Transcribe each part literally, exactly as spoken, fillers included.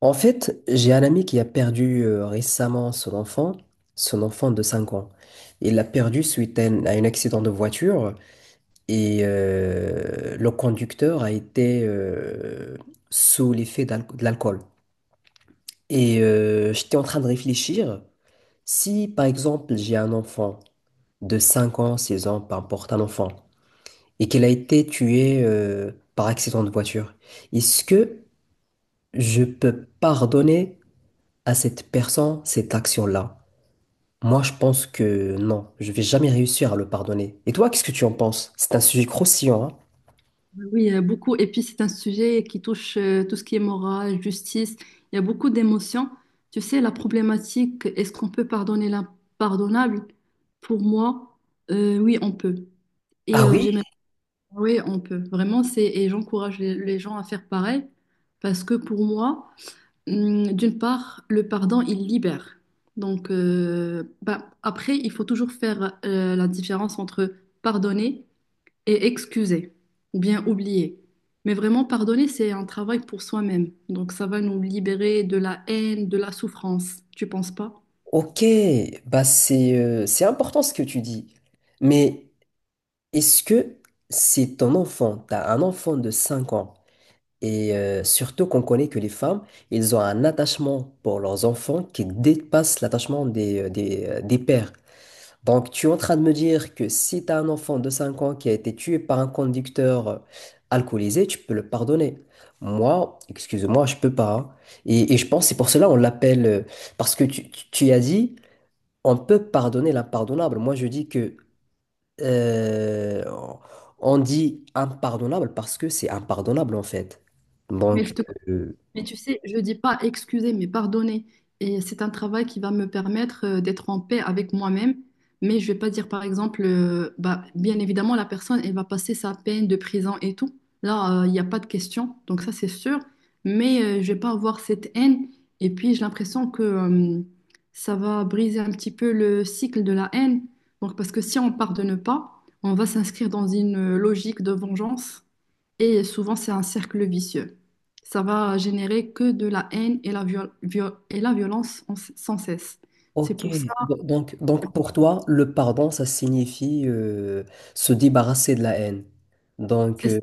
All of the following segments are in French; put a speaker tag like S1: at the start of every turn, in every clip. S1: En fait, j'ai un ami qui a perdu euh, récemment son enfant, son enfant de cinq ans. Il l'a perdu suite à un, à un accident de voiture et euh, le conducteur a été euh, sous l'effet d'al- de l'alcool. Et euh, j'étais en train de réfléchir, si par exemple j'ai un enfant de cinq ans, six ans, peu importe un enfant, et qu'il a été tué euh, par accident de voiture, est-ce que je peux pardonner à cette personne cette action-là? Moi, je pense que non, je vais jamais réussir à le pardonner. Et toi, qu'est-ce que tu en penses? C'est un sujet croustillant, hein?
S2: Oui, euh, beaucoup. Et puis, c'est un sujet qui touche euh, tout ce qui est morale, justice. Il y a beaucoup d'émotions. Tu sais, la problématique, est-ce qu'on peut pardonner l'impardonnable? Pour moi, euh, oui, on peut. Et
S1: Ah
S2: euh,
S1: oui?
S2: j'aimerais, oui, on peut. Vraiment, c'est, et j'encourage les, les gens à faire pareil parce que pour moi, hum, d'une part, le pardon, il libère. Donc, euh, bah, après, il faut toujours faire euh, la différence entre pardonner et excuser ou bien oublier. Mais vraiment, pardonner, c'est un travail pour soi-même. Donc, ça va nous libérer de la haine, de la souffrance. Tu penses pas?
S1: Ok, bah c'est euh, c'est important ce que tu dis. Mais est-ce que c'est ton enfant, t'as un enfant de cinq ans, et euh, surtout qu'on connaît que les femmes, ils ont un attachement pour leurs enfants qui dépasse l'attachement des, euh, des, euh, des pères. Donc, tu es en train de me dire que si tu as un enfant de cinq ans qui a été tué par un conducteur euh, alcoolisé, tu peux le pardonner. Moi, excuse-moi, je peux pas, hein. Et, et je pense que c'est pour cela on l'appelle, euh, parce que tu, tu- tu as dit, on peut pardonner l'impardonnable. Moi, je dis que euh, on dit impardonnable parce que c'est impardonnable en fait.
S2: Mais
S1: Donc,
S2: je te
S1: euh,
S2: Mais tu sais, je dis pas excuser, mais pardonner. Et c'est un travail qui va me permettre euh, d'être en paix avec moi-même. Mais je vais pas dire, par exemple, euh, bah, bien évidemment, la personne, elle va passer sa peine de prison et tout. Là, euh, il n'y a pas de question. Donc ça, c'est sûr. Mais euh, je vais pas avoir cette haine. Et puis, j'ai l'impression que euh, ça va briser un petit peu le cycle de la haine. Donc, parce que si on pardonne pas, on va s'inscrire dans une euh, logique de vengeance. Et souvent, c'est un cercle vicieux ça va générer que de la haine et la, viol- viol- et la violence en- sans cesse. C'est
S1: Ok.
S2: pour ça,
S1: Do- donc, donc pour toi, le pardon, ça signifie euh, se débarrasser de la haine. Donc, euh,
S2: c'est-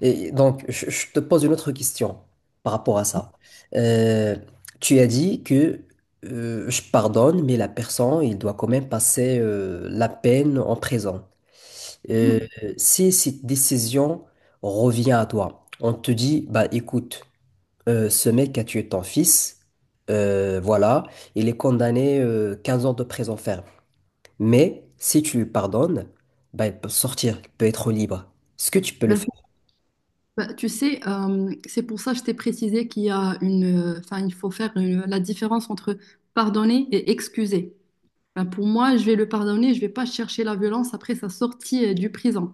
S1: et donc je, je te pose une autre question par rapport à ça. Euh, tu as dit que euh, je pardonne, mais la personne, il doit quand même passer euh, la peine en prison. Euh,
S2: oui,
S1: si cette décision revient à toi, on te dit, bah écoute, euh, ce mec a tué ton fils, euh, voilà, il est condamné euh, 15 ans de prison ferme. Mais si tu lui pardonnes, bah, il peut sortir, il peut être libre. Est-ce que tu peux le faire?
S2: ben, ben, tu sais, euh, c'est pour ça que je t'ai précisé qu'il y a une, euh, enfin, il faut faire une- la différence entre pardonner et excuser. Ben, pour moi, je vais le pardonner, je vais pas chercher la violence après sa sortie euh, du prison.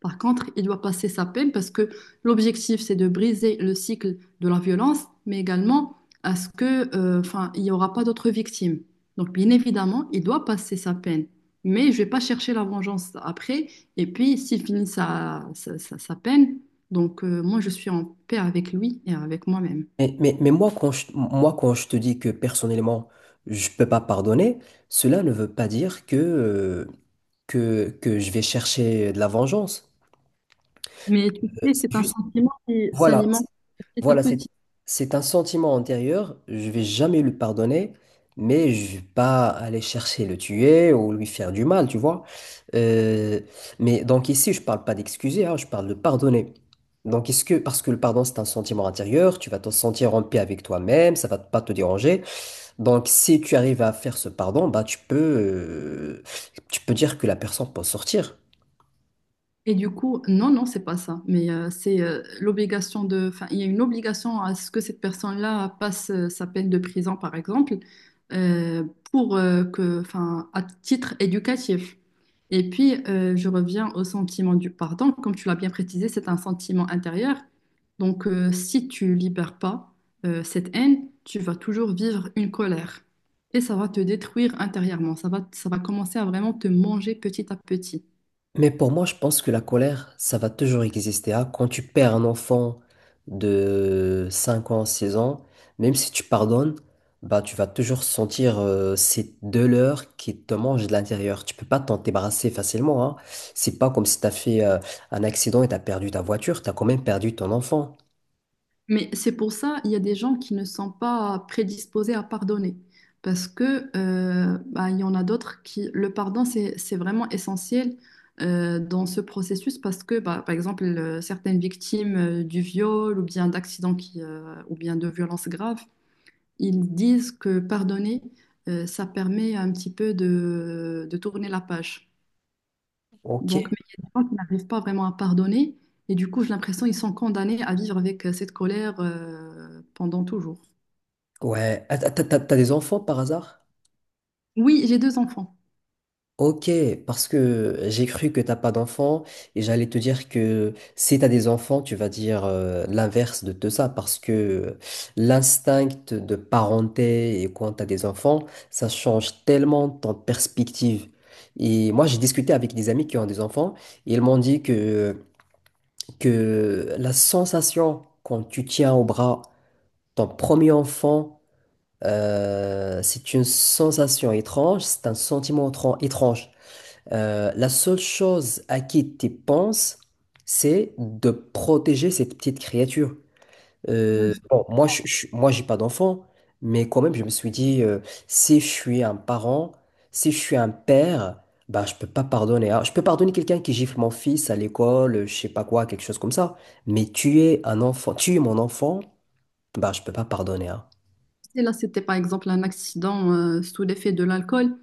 S2: Par contre, il doit passer sa peine parce que l'objectif, c'est de briser le cycle de la violence, mais également à ce que, euh, enfin, il n'y aura pas d'autres victimes. Donc, bien évidemment, il doit passer sa peine. Mais je vais pas chercher la vengeance après. Et puis, s'il finit sa, sa, sa- sa peine, donc euh, moi, je suis en paix avec lui et avec moi-même.
S1: Mais, mais, mais moi, quand je, moi, quand je te dis que personnellement, je peux pas pardonner, cela ne veut pas dire que, euh, que, que je vais chercher de la vengeance.
S2: Mais tu
S1: Euh,
S2: sais,
S1: C'est
S2: c'est un
S1: juste,
S2: sentiment qui
S1: voilà.
S2: s'alimente petit à
S1: Voilà, c'est,
S2: petit.
S1: c'est un sentiment antérieur. Je vais jamais lui pardonner, mais je vais pas aller chercher le tuer ou lui faire du mal, tu vois. Euh, mais donc ici, je parle pas d'excuser, hein, je parle de pardonner. Donc est-ce que, parce que le pardon, c'est un sentiment intérieur, tu vas te sentir en paix avec toi-même, ça va pas te déranger. Donc si tu arrives à faire ce pardon, bah tu peux, euh, tu peux dire que la personne peut sortir.
S2: Et du coup, non, non, c'est pas ça. Mais euh, c'est euh, l'obligation de. Enfin, il y a une obligation à ce que cette personne-là passe euh, sa peine de prison, par exemple, euh, pour euh, que, enfin, à titre éducatif. Et puis, euh, je reviens au sentiment du pardon. Comme tu l'as bien précisé, c'est un sentiment intérieur. Donc, euh, si tu libères pas euh, cette haine, tu vas toujours vivre une colère. Et ça va te détruire intérieurement. Ça va, ça va commencer à vraiment te manger petit à petit.
S1: Mais pour moi, je pense que la colère, ça va toujours exister, hein. Quand tu perds un enfant de cinq ans, 6 ans, même si tu pardonnes, bah, tu vas toujours sentir euh, cette douleur qui te mange de l'intérieur. Tu peux pas t'en débarrasser facilement, hein. C'est pas comme si tu as fait euh, un accident et tu as perdu ta voiture, tu as quand même perdu ton enfant.
S2: Mais c'est pour ça, il y a des gens qui ne sont pas prédisposés à pardonner. Parce que, euh, bah, il y en a d'autres qui, le pardon, c'est, c'est vraiment essentiel euh, dans ce processus parce que, bah, par exemple, euh, certaines victimes euh, du viol ou bien d'accidents qui, euh, ou bien de violences graves, ils disent que pardonner, euh, ça permet un petit peu de, de tourner la page.
S1: Ok,
S2: Donc, mais il y a des gens qui n'arrivent pas vraiment à pardonner et du coup, j'ai l'impression qu'ils sont condamnés à vivre avec euh, cette colère euh, pendant toujours.
S1: ouais. Ah, T'as, t'as- t'as des enfants par hasard?
S2: Oui, j'ai deux enfants.
S1: Ok, parce que j'ai cru que t'as pas d'enfants et j'allais te dire que si t'as des enfants, tu vas dire euh, l'inverse de tout ça parce que l'instinct de parenté et quand t'as des enfants, ça change tellement ton perspective. Et moi, j'ai discuté avec des amis qui ont des enfants et ils m'ont dit que, que la sensation quand tu tiens au bras ton premier enfant, euh, c'est une sensation étrange, c'est un sentiment étran- étrange. Euh, la seule chose à qui tu penses, c'est de protéger cette petite créature.
S2: Euh,
S1: Euh,
S2: je
S1: bon, moi, je, je, moi, j'ai pas d'enfant, mais quand même, je me suis dit, euh, si je suis un parent, si je suis un père, bah, je peux pas pardonner. Alors, je peux pardonner quelqu'un qui gifle mon fils à l'école, euh, je sais pas quoi, quelque chose comme ça. Mais tuer un enfant, tuer mon enfant, bah, je peux pas pardonner, hein.
S2: sais, là, c'était par exemple un accident euh, sous l'effet de l'alcool.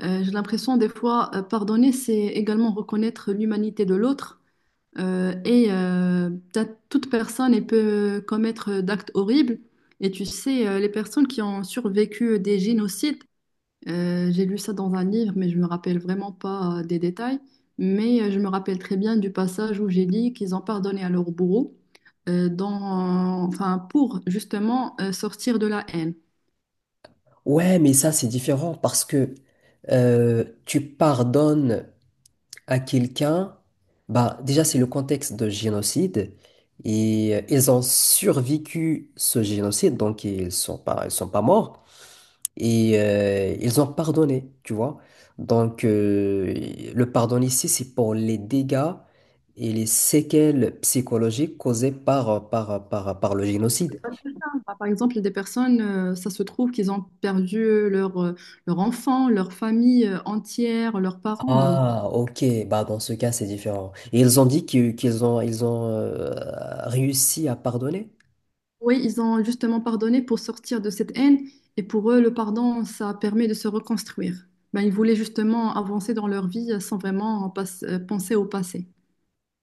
S2: Euh, j'ai l'impression des fois, euh, pardonner, c'est également reconnaître l'humanité de l'autre euh, et euh, peut-être toute personne elle peut commettre euh, d'actes horribles. Et tu sais, euh, les personnes qui ont survécu des génocides, Euh, j'ai lu ça dans un livre, mais je me rappelle vraiment pas euh, des détails. Mais euh, je me rappelle très bien du passage où j'ai dit qu'ils ont pardonné à leur bourreau euh, dans, enfin, pour justement euh, sortir de la haine.
S1: Ouais, mais ça, c'est différent parce que euh, tu pardonnes à quelqu'un, bah déjà c'est le contexte de génocide et euh, ils ont survécu ce génocide donc ils sont pas ils sont pas morts et euh, ils ont pardonné, tu vois. Donc euh, le pardon ici c'est pour les dégâts et les séquelles psychologiques causées par par par par le génocide.
S2: C'est pas tout le temps. Par par exemple, des personnes, euh, ça se trouve qu'ils ont perdu leur, euh, leur enfant, leur famille euh, entière, leurs parents. Donc,
S1: Ah, ok. Bah, dans ce cas, c'est différent. Et ils ont dit que- qu'ils ont, ils ont euh, réussi à pardonner?
S2: oui, ils ont justement pardonné pour sortir de cette haine et pour eux, le pardon, ça permet de se reconstruire. Ben, ils voulaient justement avancer dans leur vie euh, sans vraiment en euh, penser au passé.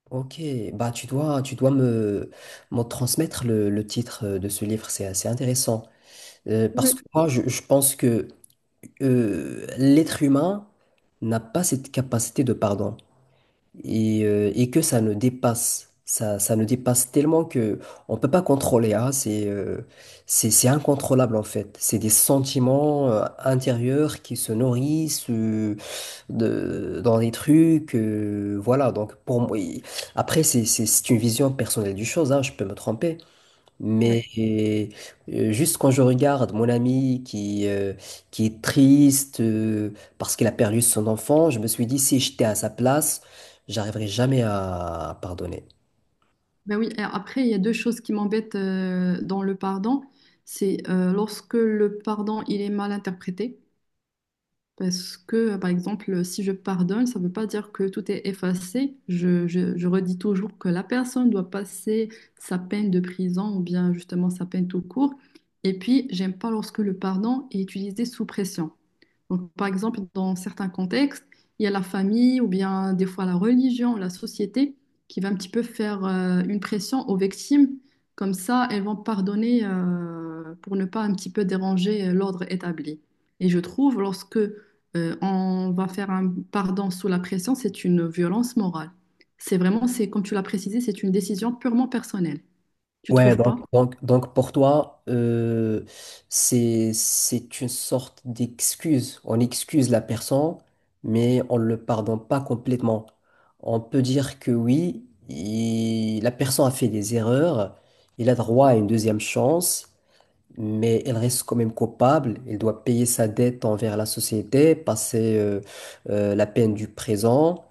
S1: Ok, bah tu dois, tu dois me, me transmettre le, le titre euh, de ce livre, c'est assez intéressant. Euh, parce que
S2: Oui.
S1: moi, je, je pense que euh, l'être humain n'a pas cette capacité de pardon et, euh, et que ça ne dépasse, ça, ça ne dépasse tellement que on peut pas contrôler, hein. C'est, euh, c'est, c'est incontrôlable en fait. C'est des sentiments euh, intérieurs qui se nourrissent euh, de, dans des trucs. euh, voilà, donc pour moi, il- après, c'est c'est- c'est une vision personnelle du chose, hein, je peux me tromper. Mais
S2: Ouais.
S1: euh, juste quand je regarde mon ami qui, euh, qui est triste euh, parce qu'il a perdu son enfant, je me suis dit, si j'étais à sa place, j'arriverais jamais à pardonner.
S2: Ben oui, et après, il y a deux choses qui m'embêtent euh, dans le pardon. C'est euh, lorsque le pardon, il est mal interprété. Parce que, par exemple, si je pardonne, ça ne veut pas dire que tout est effacé. Je, je- je redis toujours que la personne doit passer sa peine de prison ou bien justement sa peine tout court. Et puis, j'aime pas lorsque le pardon est utilisé sous pression. Donc, par exemple, dans certains contextes, il y a la famille ou bien des fois la religion, la société qui va un petit peu faire euh, une pression aux victimes. Comme ça, elles vont pardonner euh, pour ne pas un petit peu déranger euh, l'ordre établi. Et je trouve, lorsque euh, on va faire un pardon sous la pression, c'est une violence morale. C'est vraiment, c'est comme tu l'as précisé, c'est une décision purement personnelle. Tu
S1: Ouais,
S2: trouves
S1: donc,
S2: pas?
S1: donc, donc pour toi, euh, c'est, c'est une sorte d'excuse. On excuse la personne, mais on ne le pardonne pas complètement. On peut dire que oui, il- la personne a fait des erreurs, il a droit à une deuxième chance, mais elle reste quand même coupable. Elle doit payer sa dette envers la société, passer euh, euh, la peine du présent,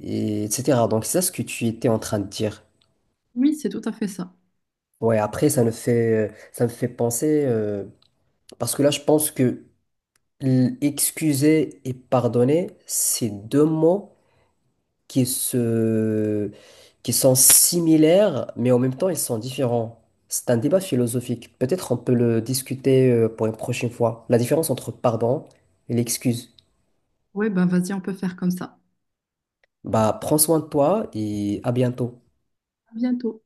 S1: et- etc. Donc c'est ça ce que tu étais en train de dire.
S2: Oui, c'est tout à fait ça.
S1: Ouais, après, ça me fait, ça me fait penser, euh, parce que là, je pense que l- excuser et pardonner, c'est deux mots qui se, qui sont similaires, mais en même temps, ils sont différents. C'est un débat philosophique. Peut-être on peut le discuter, euh, pour une prochaine fois. La différence entre pardon et l'excuse.
S2: Oui, ben vas-y, on peut faire comme ça.
S1: Bah, prends soin de toi et à bientôt.
S2: À bientôt.